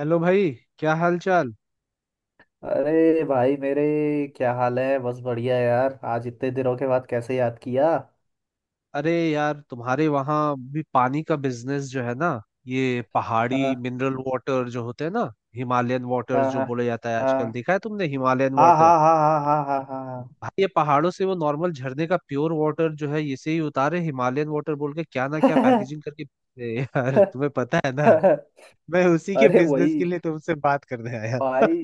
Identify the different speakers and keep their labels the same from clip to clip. Speaker 1: Hello भाई। क्या हाल चाल?
Speaker 2: अरे भाई मेरे, क्या हाल है? बस बढ़िया यार। आज इतने दिनों के बाद कैसे याद किया?
Speaker 1: अरे यार, तुम्हारे वहां भी पानी का बिजनेस जो है ना, ये पहाड़ी
Speaker 2: हाँ,
Speaker 1: मिनरल वाटर जो होते हैं ना, हिमालयन वाटर
Speaker 2: हाँ,
Speaker 1: जो
Speaker 2: हाँ,
Speaker 1: बोला जाता है आजकल।
Speaker 2: हाँ,
Speaker 1: देखा है तुमने हिमालयन
Speaker 2: हाँ, हाँ,
Speaker 1: वाटर?
Speaker 2: हाँ, हाँ, हाँ,
Speaker 1: भाई ये पहाड़ों से वो नॉर्मल झरने का प्योर वाटर जो है, इसे ही उतारे हिमालयन वाटर बोल के, क्या ना क्या
Speaker 2: हाँ,
Speaker 1: पैकेजिंग करके। ए यार, तुम्हें पता है ना,
Speaker 2: हाँ।
Speaker 1: मैं उसी के
Speaker 2: अरे वही
Speaker 1: बिजनेस के लिए तुमसे बात करने आया।
Speaker 2: भाई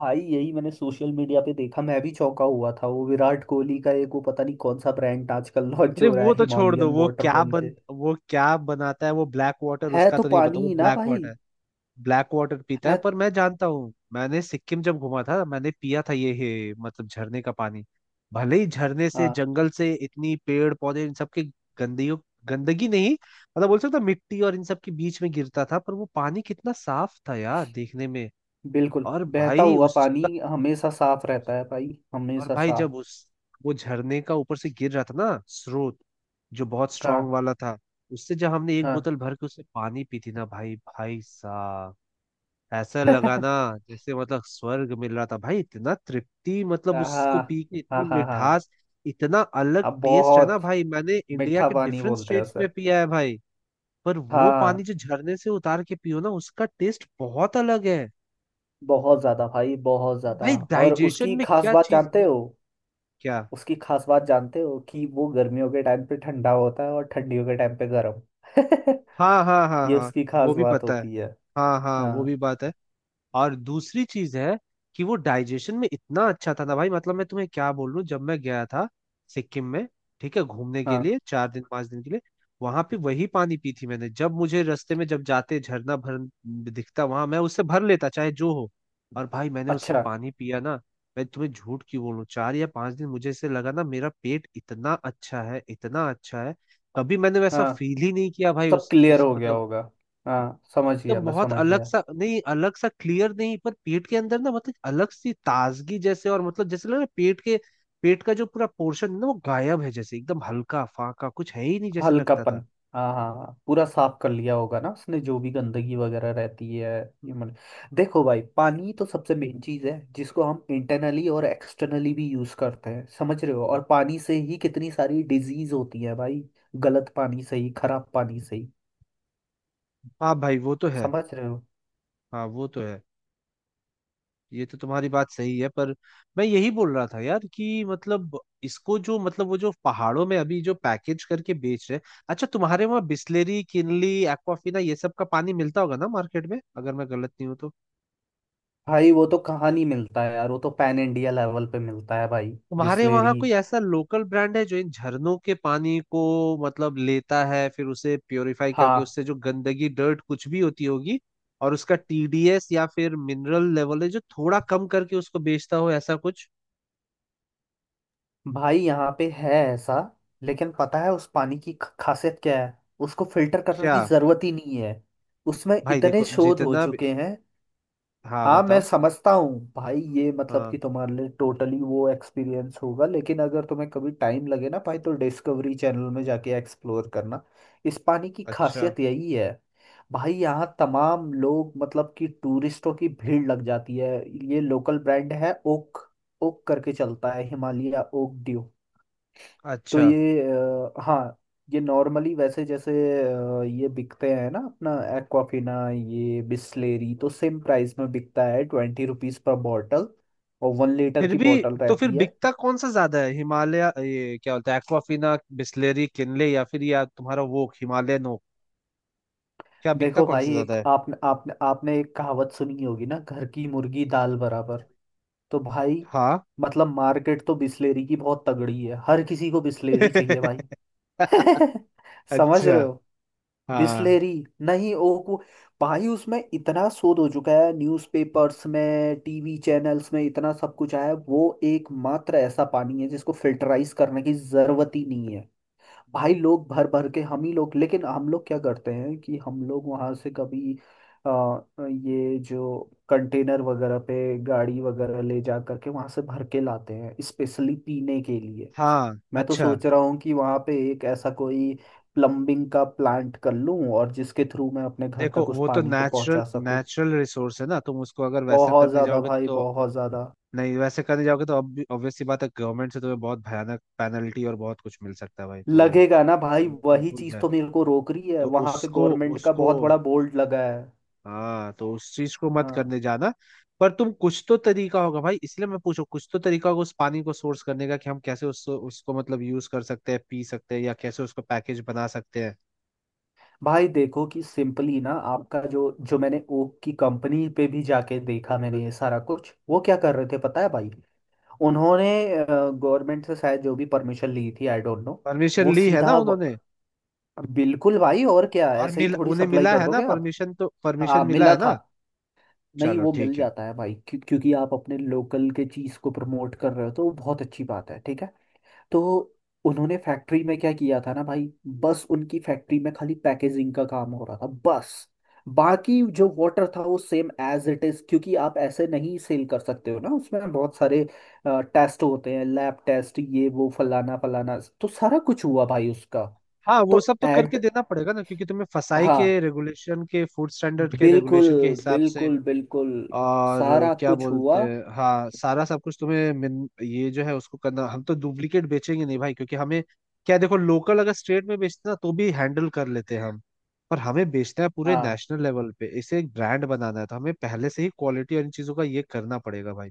Speaker 2: भाई यही मैंने सोशल मीडिया पे देखा। मैं भी चौंका हुआ था। वो विराट कोहली का एक, वो पता नहीं कौन सा ब्रांड आजकल लॉन्च
Speaker 1: अरे
Speaker 2: हो रहा
Speaker 1: वो
Speaker 2: है
Speaker 1: तो छोड़ दो।
Speaker 2: हिमालयन वाटर बोल के।
Speaker 1: वो क्या बनाता है? वो ब्लैक वाटर,
Speaker 2: है
Speaker 1: उसका
Speaker 2: तो
Speaker 1: तो नहीं पता।
Speaker 2: पानी
Speaker 1: वो
Speaker 2: ही ना
Speaker 1: ब्लैक
Speaker 2: भाई।
Speaker 1: वाटर, ब्लैक वाटर पीता है,
Speaker 2: है।
Speaker 1: पर मैं जानता हूँ, मैंने सिक्किम जब घूमा था मैंने पिया था। ये है मतलब झरने का पानी। भले ही झरने से,
Speaker 2: हाँ,
Speaker 1: जंगल से, इतनी पेड़ पौधे इन सब के गंदगी, गंदगी नहीं मतलब बोल सकता हूं, मिट्टी और इन सब के बीच में गिरता था, पर वो पानी कितना साफ था यार देखने में।
Speaker 2: बिल्कुल।
Speaker 1: और
Speaker 2: बहता
Speaker 1: भाई
Speaker 2: हुआ
Speaker 1: उसका।
Speaker 2: पानी हमेशा साफ रहता है भाई।
Speaker 1: और
Speaker 2: हमेशा
Speaker 1: भाई
Speaker 2: साफ।
Speaker 1: जब उस, वो झरने का ऊपर से गिर रहा था ना, स्रोत जो बहुत स्ट्रांग
Speaker 2: हाँ,
Speaker 1: वाला था, उससे जब हमने एक
Speaker 2: हाँ।
Speaker 1: बोतल भर के उससे पानी पी थी ना भाई, भाई साहब, ऐसा लगाना जैसे मतलब स्वर्ग मिल रहा था भाई। इतना तृप्ति मतलब
Speaker 2: हाँ,
Speaker 1: उसको पी के, इतनी
Speaker 2: हाँ, हाँ, हाँ।
Speaker 1: मिठास, इतना अलग
Speaker 2: अब
Speaker 1: टेस्ट है ना
Speaker 2: बहुत
Speaker 1: भाई। मैंने इंडिया
Speaker 2: मीठा
Speaker 1: के
Speaker 2: पानी
Speaker 1: डिफरेंट
Speaker 2: बोलते हैं
Speaker 1: स्टेट्स
Speaker 2: उसे।
Speaker 1: में पिया है भाई, पर
Speaker 2: हाँ,
Speaker 1: वो पानी
Speaker 2: हाँ,
Speaker 1: जो झरने से उतार के पियो ना, उसका टेस्ट बहुत अलग है।
Speaker 2: बहुत ज्यादा भाई, बहुत ज्यादा।
Speaker 1: भाई
Speaker 2: और
Speaker 1: डाइजेशन
Speaker 2: उसकी
Speaker 1: में
Speaker 2: खास
Speaker 1: क्या
Speaker 2: बात
Speaker 1: चीज
Speaker 2: जानते
Speaker 1: मत।
Speaker 2: हो?
Speaker 1: क्या?
Speaker 2: उसकी खास बात जानते हो कि वो गर्मियों के टाइम पे ठंडा होता है और ठंडियों के टाइम पे गर्म।
Speaker 1: हाँ हाँ हाँ
Speaker 2: ये
Speaker 1: हाँ,
Speaker 2: उसकी खास
Speaker 1: वो भी
Speaker 2: बात
Speaker 1: पता है।
Speaker 2: होती है।
Speaker 1: हाँ हाँ, वो भी
Speaker 2: हाँ,
Speaker 1: बात है। और दूसरी चीज है कि वो डाइजेशन में इतना अच्छा था ना भाई, मतलब मैं तुम्हें क्या बोल रहा हूँ, जब मैं गया था सिक्किम में, ठीक है, घूमने के
Speaker 2: हाँ।
Speaker 1: लिए 4 दिन 5 दिन के लिए, वहां पे वही पानी पी थी मैंने, जब मुझे रास्ते में जब जाते झरना भर दिखता वहां, मैं उससे भर लेता चाहे जो हो। और भाई मैंने उससे
Speaker 2: अच्छा।
Speaker 1: पानी पिया ना, मैं तुम्हें झूठ क्यों बोलूं, 4 या 5 दिन मुझे ऐसे लगा ना, मेरा पेट इतना अच्छा है, इतना अच्छा है। कभी मैंने वैसा
Speaker 2: हाँ,
Speaker 1: फील ही नहीं किया भाई।
Speaker 2: सब
Speaker 1: उस
Speaker 2: क्लियर
Speaker 1: उस
Speaker 2: हो गया
Speaker 1: मतलब
Speaker 2: होगा। हाँ समझ गया,
Speaker 1: एकदम
Speaker 2: मैं
Speaker 1: बहुत
Speaker 2: समझ
Speaker 1: अलग
Speaker 2: गया।
Speaker 1: सा, नहीं अलग सा क्लियर नहीं, पर पेट के अंदर ना मतलब अलग सी ताजगी जैसे, और मतलब जैसे लग रहा है पेट के, पेट का जो पूरा पोर्शन है ना वो गायब है, जैसे एकदम हल्का फाका कुछ है ही नहीं जैसे लगता था।
Speaker 2: हल्कापन। हाँ, हाँ, हाँ, पूरा साफ कर लिया होगा ना उसने जो भी गंदगी वगैरह रहती है। ह्यूमन। देखो भाई, पानी तो सबसे मेन चीज़ है जिसको हम इंटरनली और एक्सटर्नली भी यूज़ करते हैं, समझ रहे हो? और पानी से ही कितनी सारी डिजीज होती है भाई। गलत पानी से ही, खराब पानी से ही।
Speaker 1: हाँ भाई वो तो है।
Speaker 2: समझ रहे हो?
Speaker 1: हाँ वो तो है, ये तो तुम्हारी बात सही है, पर मैं यही बोल रहा था यार कि मतलब इसको जो, मतलब वो जो पहाड़ों में अभी जो पैकेज करके बेच रहे। अच्छा, तुम्हारे वहाँ बिस्लेरी, किनली, एक्वाफिना ये सब का पानी मिलता होगा ना मार्केट में, अगर मैं गलत नहीं हूँ तो?
Speaker 2: भाई वो तो कहाँ नहीं मिलता है यार, वो तो पैन इंडिया लेवल पे मिलता है भाई,
Speaker 1: तुम्हारे वहां
Speaker 2: बिस्लेरी।
Speaker 1: कोई ऐसा लोकल ब्रांड है जो इन झरनों के पानी को, मतलब लेता है फिर उसे प्योरीफाई करके,
Speaker 2: हाँ
Speaker 1: उससे जो गंदगी डर्ट कुछ भी होती होगी और उसका टीडीएस या फिर मिनरल लेवल है जो थोड़ा कम करके उसको बेचता हो, ऐसा कुछ?
Speaker 2: भाई, यहाँ पे है ऐसा। लेकिन पता है उस पानी की खासियत क्या है? उसको फिल्टर करने
Speaker 1: क्या?
Speaker 2: की जरूरत ही नहीं है। उसमें
Speaker 1: भाई
Speaker 2: इतने
Speaker 1: देखो
Speaker 2: शोध हो
Speaker 1: जितना भी।
Speaker 2: चुके हैं।
Speaker 1: हाँ
Speaker 2: हाँ, मैं
Speaker 1: बताओ।
Speaker 2: समझता हूँ भाई, ये मतलब
Speaker 1: हाँ।
Speaker 2: कि तुम्हारे लिए टोटली वो एक्सपीरियंस होगा, लेकिन अगर तुम्हें कभी टाइम लगे ना भाई तो डिस्कवरी चैनल में जाके एक्सप्लोर करना। इस पानी की
Speaker 1: अच्छा।
Speaker 2: खासियत यही है। भाई, यहाँ तमाम लोग मतलब कि टूरिस्टों की भीड़ लग जाती है। ये लोकल ब्रांड है ओक। ओक करके चलता है, हिमालय ओक ड्यू। तो
Speaker 1: अच्छा।
Speaker 2: ये हाँ, ये नॉर्मली वैसे जैसे ये बिकते हैं ना, अपना एक्वाफिना, ये बिस्लेरी तो सेम प्राइस में बिकता है, 20 रुपीज़ पर बॉटल। और 1 लीटर
Speaker 1: फिर
Speaker 2: की
Speaker 1: भी,
Speaker 2: बॉटल
Speaker 1: तो फिर
Speaker 2: रहती है।
Speaker 1: बिकता कौन सा ज्यादा है, हिमालय, ये क्या बोलते हैं, एक्वाफिना, बिस्लेरी, किनले, या फिर या तुम्हारा वो हिमालयन हो? क्या बिकता
Speaker 2: देखो
Speaker 1: कौन सा
Speaker 2: भाई,
Speaker 1: ज्यादा
Speaker 2: एक
Speaker 1: है?
Speaker 2: आपने आपने आपने एक कहावत सुनी होगी ना, घर की मुर्गी दाल बराबर। तो भाई
Speaker 1: हाँ।
Speaker 2: मतलब, मार्केट तो बिस्लेरी की बहुत तगड़ी है, हर किसी को बिस्लेरी चाहिए भाई। समझ
Speaker 1: अच्छा।
Speaker 2: रहे हो?
Speaker 1: हाँ
Speaker 2: बिस्लेरी। नहीं, ओको। भाई उसमें इतना शोध हो चुका है, न्यूज़पेपर्स में, टीवी चैनल्स में इतना सब कुछ आया है। वो एकमात्र ऐसा पानी है जिसको फिल्टराइज करने की जरूरत ही नहीं है। भाई लोग भर भर के, हम ही लोग लेकिन हम लोग क्या करते हैं कि हम लोग वहां से कभी आ, ये जो कंटेनर वगैरह पे गाड़ी वगैरह ले जा करके वहां से भर के लाते हैं स्पेशली पीने के लिए।
Speaker 1: हाँ।
Speaker 2: मैं तो
Speaker 1: अच्छा।
Speaker 2: सोच रहा हूँ कि वहाँ पे एक ऐसा कोई प्लम्बिंग का प्लांट कर लूँ, और जिसके थ्रू मैं अपने घर
Speaker 1: देखो
Speaker 2: तक उस
Speaker 1: वो तो
Speaker 2: पानी को
Speaker 1: नेचुरल
Speaker 2: पहुँचा सकूँ।
Speaker 1: नेचुरल रिसोर्स है ना, तुम उसको अगर वैसा
Speaker 2: बहुत
Speaker 1: करने
Speaker 2: ज़्यादा
Speaker 1: जाओगे
Speaker 2: भाई,
Speaker 1: तो।
Speaker 2: बहुत ज़्यादा
Speaker 1: नहीं वैसे करने जाओगे तो अब ऑब्वियसली बात है, गवर्नमेंट से तुम्हें बहुत भयानक पेनल्टी और बहुत कुछ मिल सकता है भाई, तो
Speaker 2: लगेगा ना भाई,
Speaker 1: वो तो
Speaker 2: वही
Speaker 1: भूल
Speaker 2: चीज़
Speaker 1: जाए।
Speaker 2: तो मेरे को रोक रही है,
Speaker 1: तो
Speaker 2: वहाँ पे
Speaker 1: उसको
Speaker 2: गवर्नमेंट का
Speaker 1: उसको
Speaker 2: बहुत बड़ा बोर्ड लगा है।
Speaker 1: हाँ तो उस चीज को मत
Speaker 2: हाँ
Speaker 1: करने जाना। पर तुम कुछ तो तरीका होगा भाई, इसलिए मैं पूछू, कुछ तो तरीका होगा उस पानी को सोर्स करने का, कि हम कैसे उसको उसको मतलब यूज कर सकते हैं, पी सकते हैं, या कैसे उसको पैकेज बना सकते हैं।
Speaker 2: भाई, देखो कि सिंपली ना, आपका जो जो मैंने ओक की कंपनी पे भी जाके देखा, मैंने ये सारा कुछ, वो क्या कर रहे थे पता है भाई? उन्होंने गवर्नमेंट से शायद जो भी परमिशन ली थी, आई डोंट नो। वो
Speaker 1: परमिशन ली है ना
Speaker 2: सीधा
Speaker 1: उन्होंने?
Speaker 2: बिल्कुल भाई, और क्या
Speaker 1: और
Speaker 2: ऐसे ही
Speaker 1: मिल
Speaker 2: थोड़ी
Speaker 1: उन्हें
Speaker 2: सप्लाई
Speaker 1: मिला
Speaker 2: कर
Speaker 1: है ना
Speaker 2: दोगे आप?
Speaker 1: परमिशन? तो
Speaker 2: हाँ
Speaker 1: परमिशन मिला
Speaker 2: मिला
Speaker 1: है
Speaker 2: था।
Speaker 1: ना?
Speaker 2: नहीं,
Speaker 1: चलो
Speaker 2: वो मिल
Speaker 1: ठीक है।
Speaker 2: जाता है भाई, क्यों? क्योंकि आप अपने लोकल के चीज़ को प्रमोट कर रहे हो, तो वो बहुत अच्छी बात है, ठीक है। तो उन्होंने फैक्ट्री में क्या किया था ना भाई, बस उनकी फैक्ट्री में खाली पैकेजिंग का काम हो रहा था, बस। बाकी जो वाटर था वो सेम एज इट इज, क्योंकि आप ऐसे नहीं सेल कर सकते हो ना, उसमें बहुत सारे टेस्ट होते हैं, लैब टेस्ट ये वो फलाना फलाना, तो सारा कुछ हुआ भाई उसका।
Speaker 1: हाँ वो
Speaker 2: तो
Speaker 1: सब तो
Speaker 2: एट।
Speaker 1: करके देना पड़ेगा ना, क्योंकि तुम्हें फसाई के
Speaker 2: हाँ,
Speaker 1: रेगुलेशन के, फूड स्टैंडर्ड के
Speaker 2: बिल्कुल,
Speaker 1: रेगुलेशन के हिसाब से
Speaker 2: बिल्कुल, बिल्कुल,
Speaker 1: और
Speaker 2: सारा
Speaker 1: क्या
Speaker 2: कुछ
Speaker 1: बोलते
Speaker 2: हुआ।
Speaker 1: हैं, हाँ सारा सब कुछ तुम्हें ये जो है उसको करना। हम तो डुप्लीकेट बेचेंगे नहीं भाई, क्योंकि हमें क्या। देखो लोकल अगर स्टेट में बेचते ना तो भी हैंडल कर लेते हैं हम, पर हमें बेचना है पूरे
Speaker 2: हाँ,
Speaker 1: नेशनल लेवल पे, इसे एक ब्रांड बनाना है, तो हमें पहले से ही क्वालिटी और इन चीजों का ये करना पड़ेगा भाई।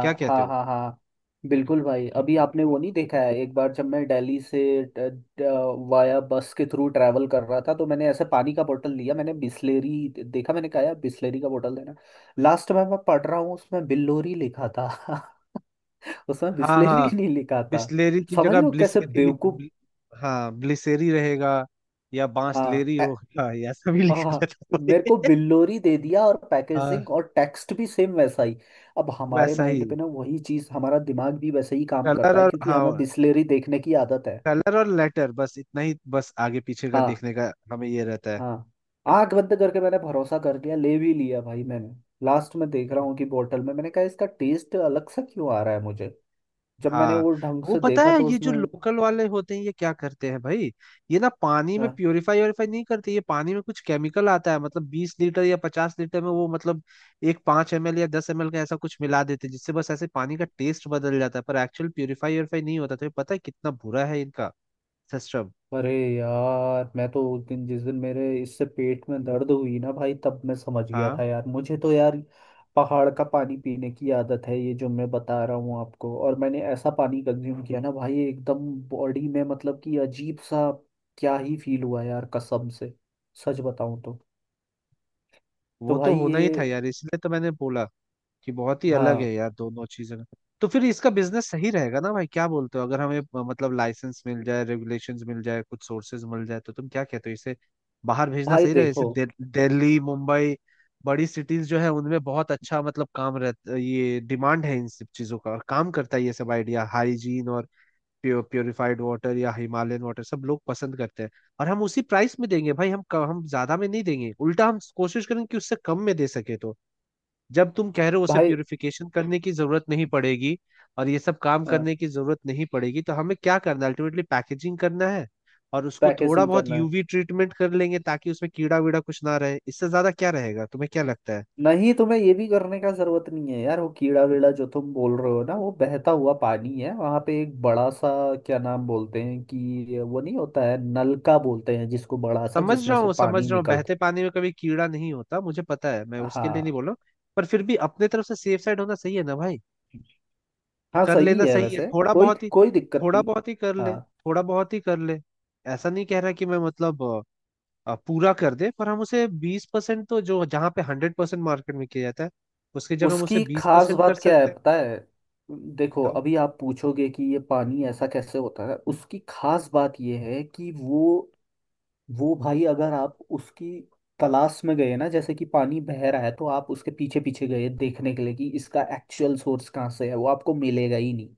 Speaker 1: क्या कहते
Speaker 2: हाँ,
Speaker 1: हो?
Speaker 2: हाँ, हाँ। बिल्कुल भाई, अभी आपने वो नहीं देखा है। एक बार जब मैं दिल्ली से वाया बस के थ्रू ट्रैवल कर रहा था, तो मैंने ऐसे पानी का बोतल लिया। मैंने बिस्लेरी देखा, मैंने कहा यार बिस्लेरी का बोतल देना। लास्ट में मैं पढ़ रहा हूँ उसमें बिल्लोरी लिखा था। उसमें
Speaker 1: हाँ
Speaker 2: बिस्लेरी
Speaker 1: हाँ।
Speaker 2: नहीं लिखा था,
Speaker 1: बिस्लेरी की
Speaker 2: समझ
Speaker 1: जगह
Speaker 2: रहे हो कैसे
Speaker 1: ब्लिसेरी लिख,
Speaker 2: बेवकूफ?
Speaker 1: हाँ ब्लिसेरी रहेगा, या
Speaker 2: हाँ,
Speaker 1: बांसलेरी होगा, या सभी लिखा
Speaker 2: हाँ।
Speaker 1: रहता
Speaker 2: मेरे को
Speaker 1: है।
Speaker 2: बिल्लोरी दे दिया, और
Speaker 1: हाँ।
Speaker 2: पैकेजिंग और टेक्स्ट भी सेम वैसा ही। अब हमारे
Speaker 1: वैसा ही
Speaker 2: माइंड पे ना, वही चीज, हमारा दिमाग भी वैसे ही काम
Speaker 1: कलर
Speaker 2: करता है
Speaker 1: और,
Speaker 2: क्योंकि हमें
Speaker 1: हाँ
Speaker 2: बिस्लेरी देखने की आदत है।
Speaker 1: कलर और लेटर बस इतना ही, बस आगे पीछे का
Speaker 2: हाँ,
Speaker 1: देखने का हमें ये रहता है।
Speaker 2: हाँ। आंख बंद करके मैंने भरोसा कर लिया, ले भी लिया भाई मैंने। लास्ट में देख रहा हूँ कि बोतल में, मैंने कहा इसका टेस्ट अलग सा क्यों आ रहा है मुझे? जब मैंने
Speaker 1: हाँ
Speaker 2: वो ढंग
Speaker 1: वो
Speaker 2: से
Speaker 1: पता
Speaker 2: देखा
Speaker 1: है,
Speaker 2: तो
Speaker 1: ये जो
Speaker 2: उसमें,
Speaker 1: लोकल वाले होते हैं ये क्या करते हैं भाई, ये ना पानी में
Speaker 2: हाँ।
Speaker 1: प्योरीफाई व्योरीफाई नहीं करते, ये पानी में कुछ केमिकल आता है मतलब 20 लीटर या 50 लीटर में, वो मतलब एक 5 ml या 10 ml का ऐसा कुछ मिला देते हैं जिससे बस ऐसे पानी का टेस्ट बदल जाता है, पर एक्चुअल प्योरीफाई व्योरीफाई नहीं होता, तो ये पता है कितना बुरा है इनका सिस्टम।
Speaker 2: अरे यार, मैं तो उस दिन जिस दिन मेरे इससे पेट में दर्द हुई ना भाई, तब मैं समझ गया
Speaker 1: हाँ
Speaker 2: था यार। मुझे तो यार पहाड़ का पानी पीने की आदत है, ये जो मैं बता रहा हूँ आपको, और मैंने ऐसा पानी कंज्यूम किया ना भाई, एकदम बॉडी में मतलब कि अजीब सा क्या ही फील हुआ यार, कसम से। सच बताऊँ तो। तो
Speaker 1: वो तो
Speaker 2: भाई
Speaker 1: होना
Speaker 2: ये,
Speaker 1: ही था यार, इसलिए तो मैंने बोला कि बहुत ही अलग
Speaker 2: हाँ
Speaker 1: है यार दोनों चीजें। तो फिर इसका बिजनेस सही रहेगा ना भाई, क्या बोलते हो? अगर हमें, मतलब लाइसेंस मिल जाए, रेगुलेशंस मिल जाए, कुछ सोर्सेज मिल जाए, तो तुम क्या कहते हो, इसे बाहर भेजना
Speaker 2: भाई
Speaker 1: सही रहेगा? इसे
Speaker 2: देखो
Speaker 1: दिल्ली, मुंबई, बड़ी सिटीज जो है उनमें बहुत अच्छा मतलब काम रहता, ये डिमांड है इन सब चीजों का और काम करता है ये सब। आइडिया हाइजीन और प्योर प्योरिफाइड वाटर या हिमालयन वाटर सब लोग पसंद करते हैं। और हम उसी प्राइस में देंगे भाई, हम हम ज्यादा में नहीं देंगे, उल्टा हम कोशिश करेंगे कि उससे कम में दे सके, तो जब तुम कह रहे हो उसे
Speaker 2: भाई,
Speaker 1: प्यूरिफिकेशन करने की जरूरत नहीं पड़ेगी और ये सब काम करने की जरूरत नहीं पड़ेगी, तो हमें क्या करना है अल्टीमेटली, पैकेजिंग करना है। और उसको थोड़ा
Speaker 2: पैकेजिंग
Speaker 1: बहुत
Speaker 2: करना है।
Speaker 1: यूवी ट्रीटमेंट कर लेंगे ताकि उसमें कीड़ा वीड़ा कुछ ना रहे, इससे ज्यादा क्या रहेगा? तुम्हें क्या लगता है?
Speaker 2: नहीं, तुम्हें ये भी करने का जरूरत नहीं है यार, वो कीड़ा वीड़ा जो तुम बोल रहे हो ना, वो बहता हुआ पानी है। वहां पे एक बड़ा सा क्या नाम बोलते हैं कि वो नहीं होता है, नलका बोलते हैं जिसको, बड़ा सा
Speaker 1: समझ
Speaker 2: जिसमें
Speaker 1: रहा
Speaker 2: से
Speaker 1: हूँ समझ
Speaker 2: पानी
Speaker 1: रहा हूँ,
Speaker 2: निकलता।
Speaker 1: बहते पानी में कभी कीड़ा नहीं होता मुझे पता है, मैं उसके लिए
Speaker 2: हाँ,
Speaker 1: नहीं बोल रहा हूँ। पर फिर भी अपने तरफ से सेफ साइड होना सही है ना भाई,
Speaker 2: हाँ
Speaker 1: कर
Speaker 2: सही
Speaker 1: लेना
Speaker 2: है
Speaker 1: सही है
Speaker 2: वैसे।
Speaker 1: थोड़ा
Speaker 2: कोई
Speaker 1: बहुत ही।
Speaker 2: कोई दिक्कत
Speaker 1: थोड़ा
Speaker 2: नहीं।
Speaker 1: बहुत ही कर ले,
Speaker 2: हाँ।
Speaker 1: थोड़ा बहुत ही कर ले। ऐसा नहीं कह रहा कि मैं मतलब पूरा कर दे, पर हम उसे 20%, तो जो जहाँ पे 100% मार्केट में किया जाता है, उसकी जगह हम उसे
Speaker 2: उसकी
Speaker 1: बीस
Speaker 2: खास
Speaker 1: परसेंट कर
Speaker 2: बात क्या है
Speaker 1: सकते हैं।
Speaker 2: पता है? देखो,
Speaker 1: बताओ।
Speaker 2: अभी आप पूछोगे कि ये पानी ऐसा कैसे होता है। उसकी खास बात ये है कि वो भाई, अगर आप उसकी तलाश में गए ना, जैसे कि पानी बह रहा है, तो आप उसके पीछे पीछे गए देखने के लिए कि इसका एक्चुअल सोर्स कहाँ से है, वो आपको मिलेगा ही नहीं।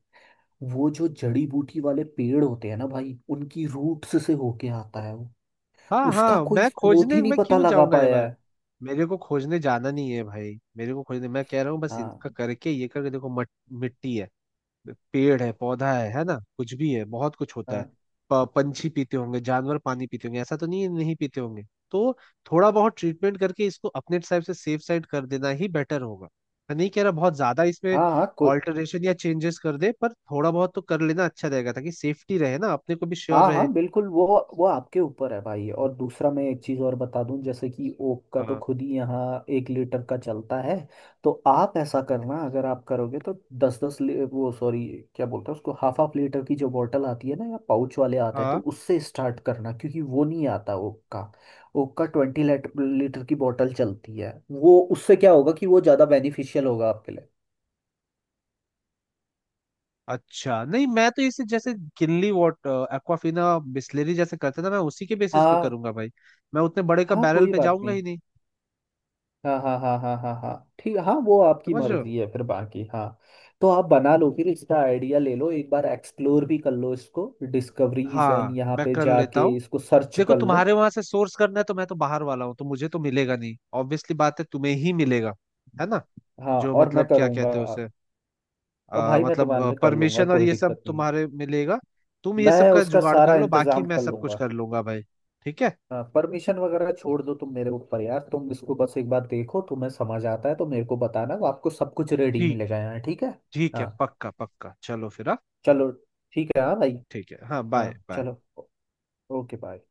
Speaker 2: वो जो जड़ी बूटी वाले पेड़ होते हैं ना भाई, उनकी रूट्स से होके आता है वो।
Speaker 1: हाँ
Speaker 2: उसका
Speaker 1: हाँ।
Speaker 2: कोई
Speaker 1: मैं
Speaker 2: स्रोत
Speaker 1: खोजने
Speaker 2: ही नहीं
Speaker 1: मैं
Speaker 2: पता
Speaker 1: क्यों
Speaker 2: लगा
Speaker 1: जाऊंगा
Speaker 2: पाया
Speaker 1: यार,
Speaker 2: है।
Speaker 1: मेरे को खोजने जाना नहीं है भाई, मेरे को खोजने मैं कह रहा हूँ बस,
Speaker 2: हाँ,
Speaker 1: इनका करके ये करके देखो, मिट्टी है, पेड़ है, पौधा है ना, कुछ भी है, बहुत कुछ होता है।
Speaker 2: हाँ,
Speaker 1: पंछी पीते होंगे, जानवर पानी पीते होंगे, ऐसा तो नहीं है नहीं पीते होंगे, तो थोड़ा बहुत ट्रीटमेंट करके इसको अपने साइड से सेफ साइड कर देना ही बेटर होगा। मैं नहीं कह रहा बहुत ज्यादा इसमें
Speaker 2: हाँ, हाँ, कोई,
Speaker 1: ऑल्टरेशन या चेंजेस कर दे, पर थोड़ा बहुत तो कर लेना अच्छा रहेगा ताकि सेफ्टी रहे ना, अपने को भी श्योर
Speaker 2: हाँ,
Speaker 1: रहे।
Speaker 2: हाँ, बिल्कुल। वो आपके ऊपर है भाई। और दूसरा, मैं एक चीज़ और बता दूं, जैसे कि ओक का तो
Speaker 1: हाँ
Speaker 2: खुद ही यहाँ 1 लीटर का चलता है। तो आप ऐसा करना, अगर आप करोगे तो दस दस, वो सॉरी क्या बोलते हैं उसको, हाफ हाफ लीटर की जो बोतल आती है ना, या पाउच वाले आते हैं, तो
Speaker 1: हाँ।
Speaker 2: उससे स्टार्ट करना, क्योंकि वो नहीं आता ओक का। ओक का 20 लीटर की बोतल चलती है वो, उससे क्या होगा कि वो ज़्यादा बेनिफिशियल होगा आपके लिए।
Speaker 1: अच्छा नहीं मैं तो इसे जैसे किनली वाटर, एक्वाफिना, बिस्लेरी जैसे करते ना, मैं उसी के बेसिस पे
Speaker 2: हाँ,
Speaker 1: करूंगा भाई, मैं उतने बड़े का
Speaker 2: हाँ
Speaker 1: बैरल
Speaker 2: कोई
Speaker 1: पे
Speaker 2: बात
Speaker 1: जाऊंगा
Speaker 2: नहीं।
Speaker 1: ही नहीं।
Speaker 2: हाँ, हाँ, हाँ, हाँ, हाँ, हाँ, ठीक, हाँ वो आपकी
Speaker 1: समझ रहे हो?
Speaker 2: मर्जी है फिर बाकी, हाँ। तो आप बना लो, फिर इसका आइडिया ले लो, एक बार एक्सप्लोर भी कर लो इसको, डिस्कवरीज एंड
Speaker 1: हाँ
Speaker 2: यहाँ
Speaker 1: मैं
Speaker 2: पे
Speaker 1: कर लेता
Speaker 2: जाके
Speaker 1: हूँ।
Speaker 2: इसको सर्च
Speaker 1: देखो
Speaker 2: कर लो।
Speaker 1: तुम्हारे वहां से सोर्स करना है तो मैं तो बाहर वाला हूँ, तो मुझे तो मिलेगा नहीं ऑब्वियसली बात है, तुम्हें ही मिलेगा, है ना।
Speaker 2: हाँ
Speaker 1: जो
Speaker 2: और मैं
Speaker 1: मतलब क्या
Speaker 2: करूँगा।
Speaker 1: कहते हैं उसे,
Speaker 2: और भाई मैं तुम्हारे
Speaker 1: मतलब
Speaker 2: लिए कर लूँगा,
Speaker 1: परमिशन और
Speaker 2: कोई
Speaker 1: ये सब
Speaker 2: दिक्कत नहीं है।
Speaker 1: तुम्हारे मिलेगा, तुम ये सब
Speaker 2: मैं
Speaker 1: का
Speaker 2: उसका
Speaker 1: जुगाड़ कर
Speaker 2: सारा
Speaker 1: लो, बाकी
Speaker 2: इंतजाम
Speaker 1: मैं
Speaker 2: कर
Speaker 1: सब कुछ
Speaker 2: लूँगा।
Speaker 1: कर लूंगा भाई। ठीक है।
Speaker 2: हाँ, परमिशन वगैरह छोड़ दो तुम मेरे ऊपर यार, तुम इसको बस एक बार देखो, तुम्हें समझ आता है तो मेरे को बताना, वो आपको सब कुछ रेडी
Speaker 1: ठीक,
Speaker 2: मिलेगा यहाँ, ठीक है।
Speaker 1: ठीक है
Speaker 2: हाँ
Speaker 1: पक्का पक्का, चलो फिर, हाँ।
Speaker 2: चलो, ठीक है हाँ भाई।
Speaker 1: ठीक है हाँ, बाय
Speaker 2: हाँ
Speaker 1: बाय।
Speaker 2: चलो, ओके बाय।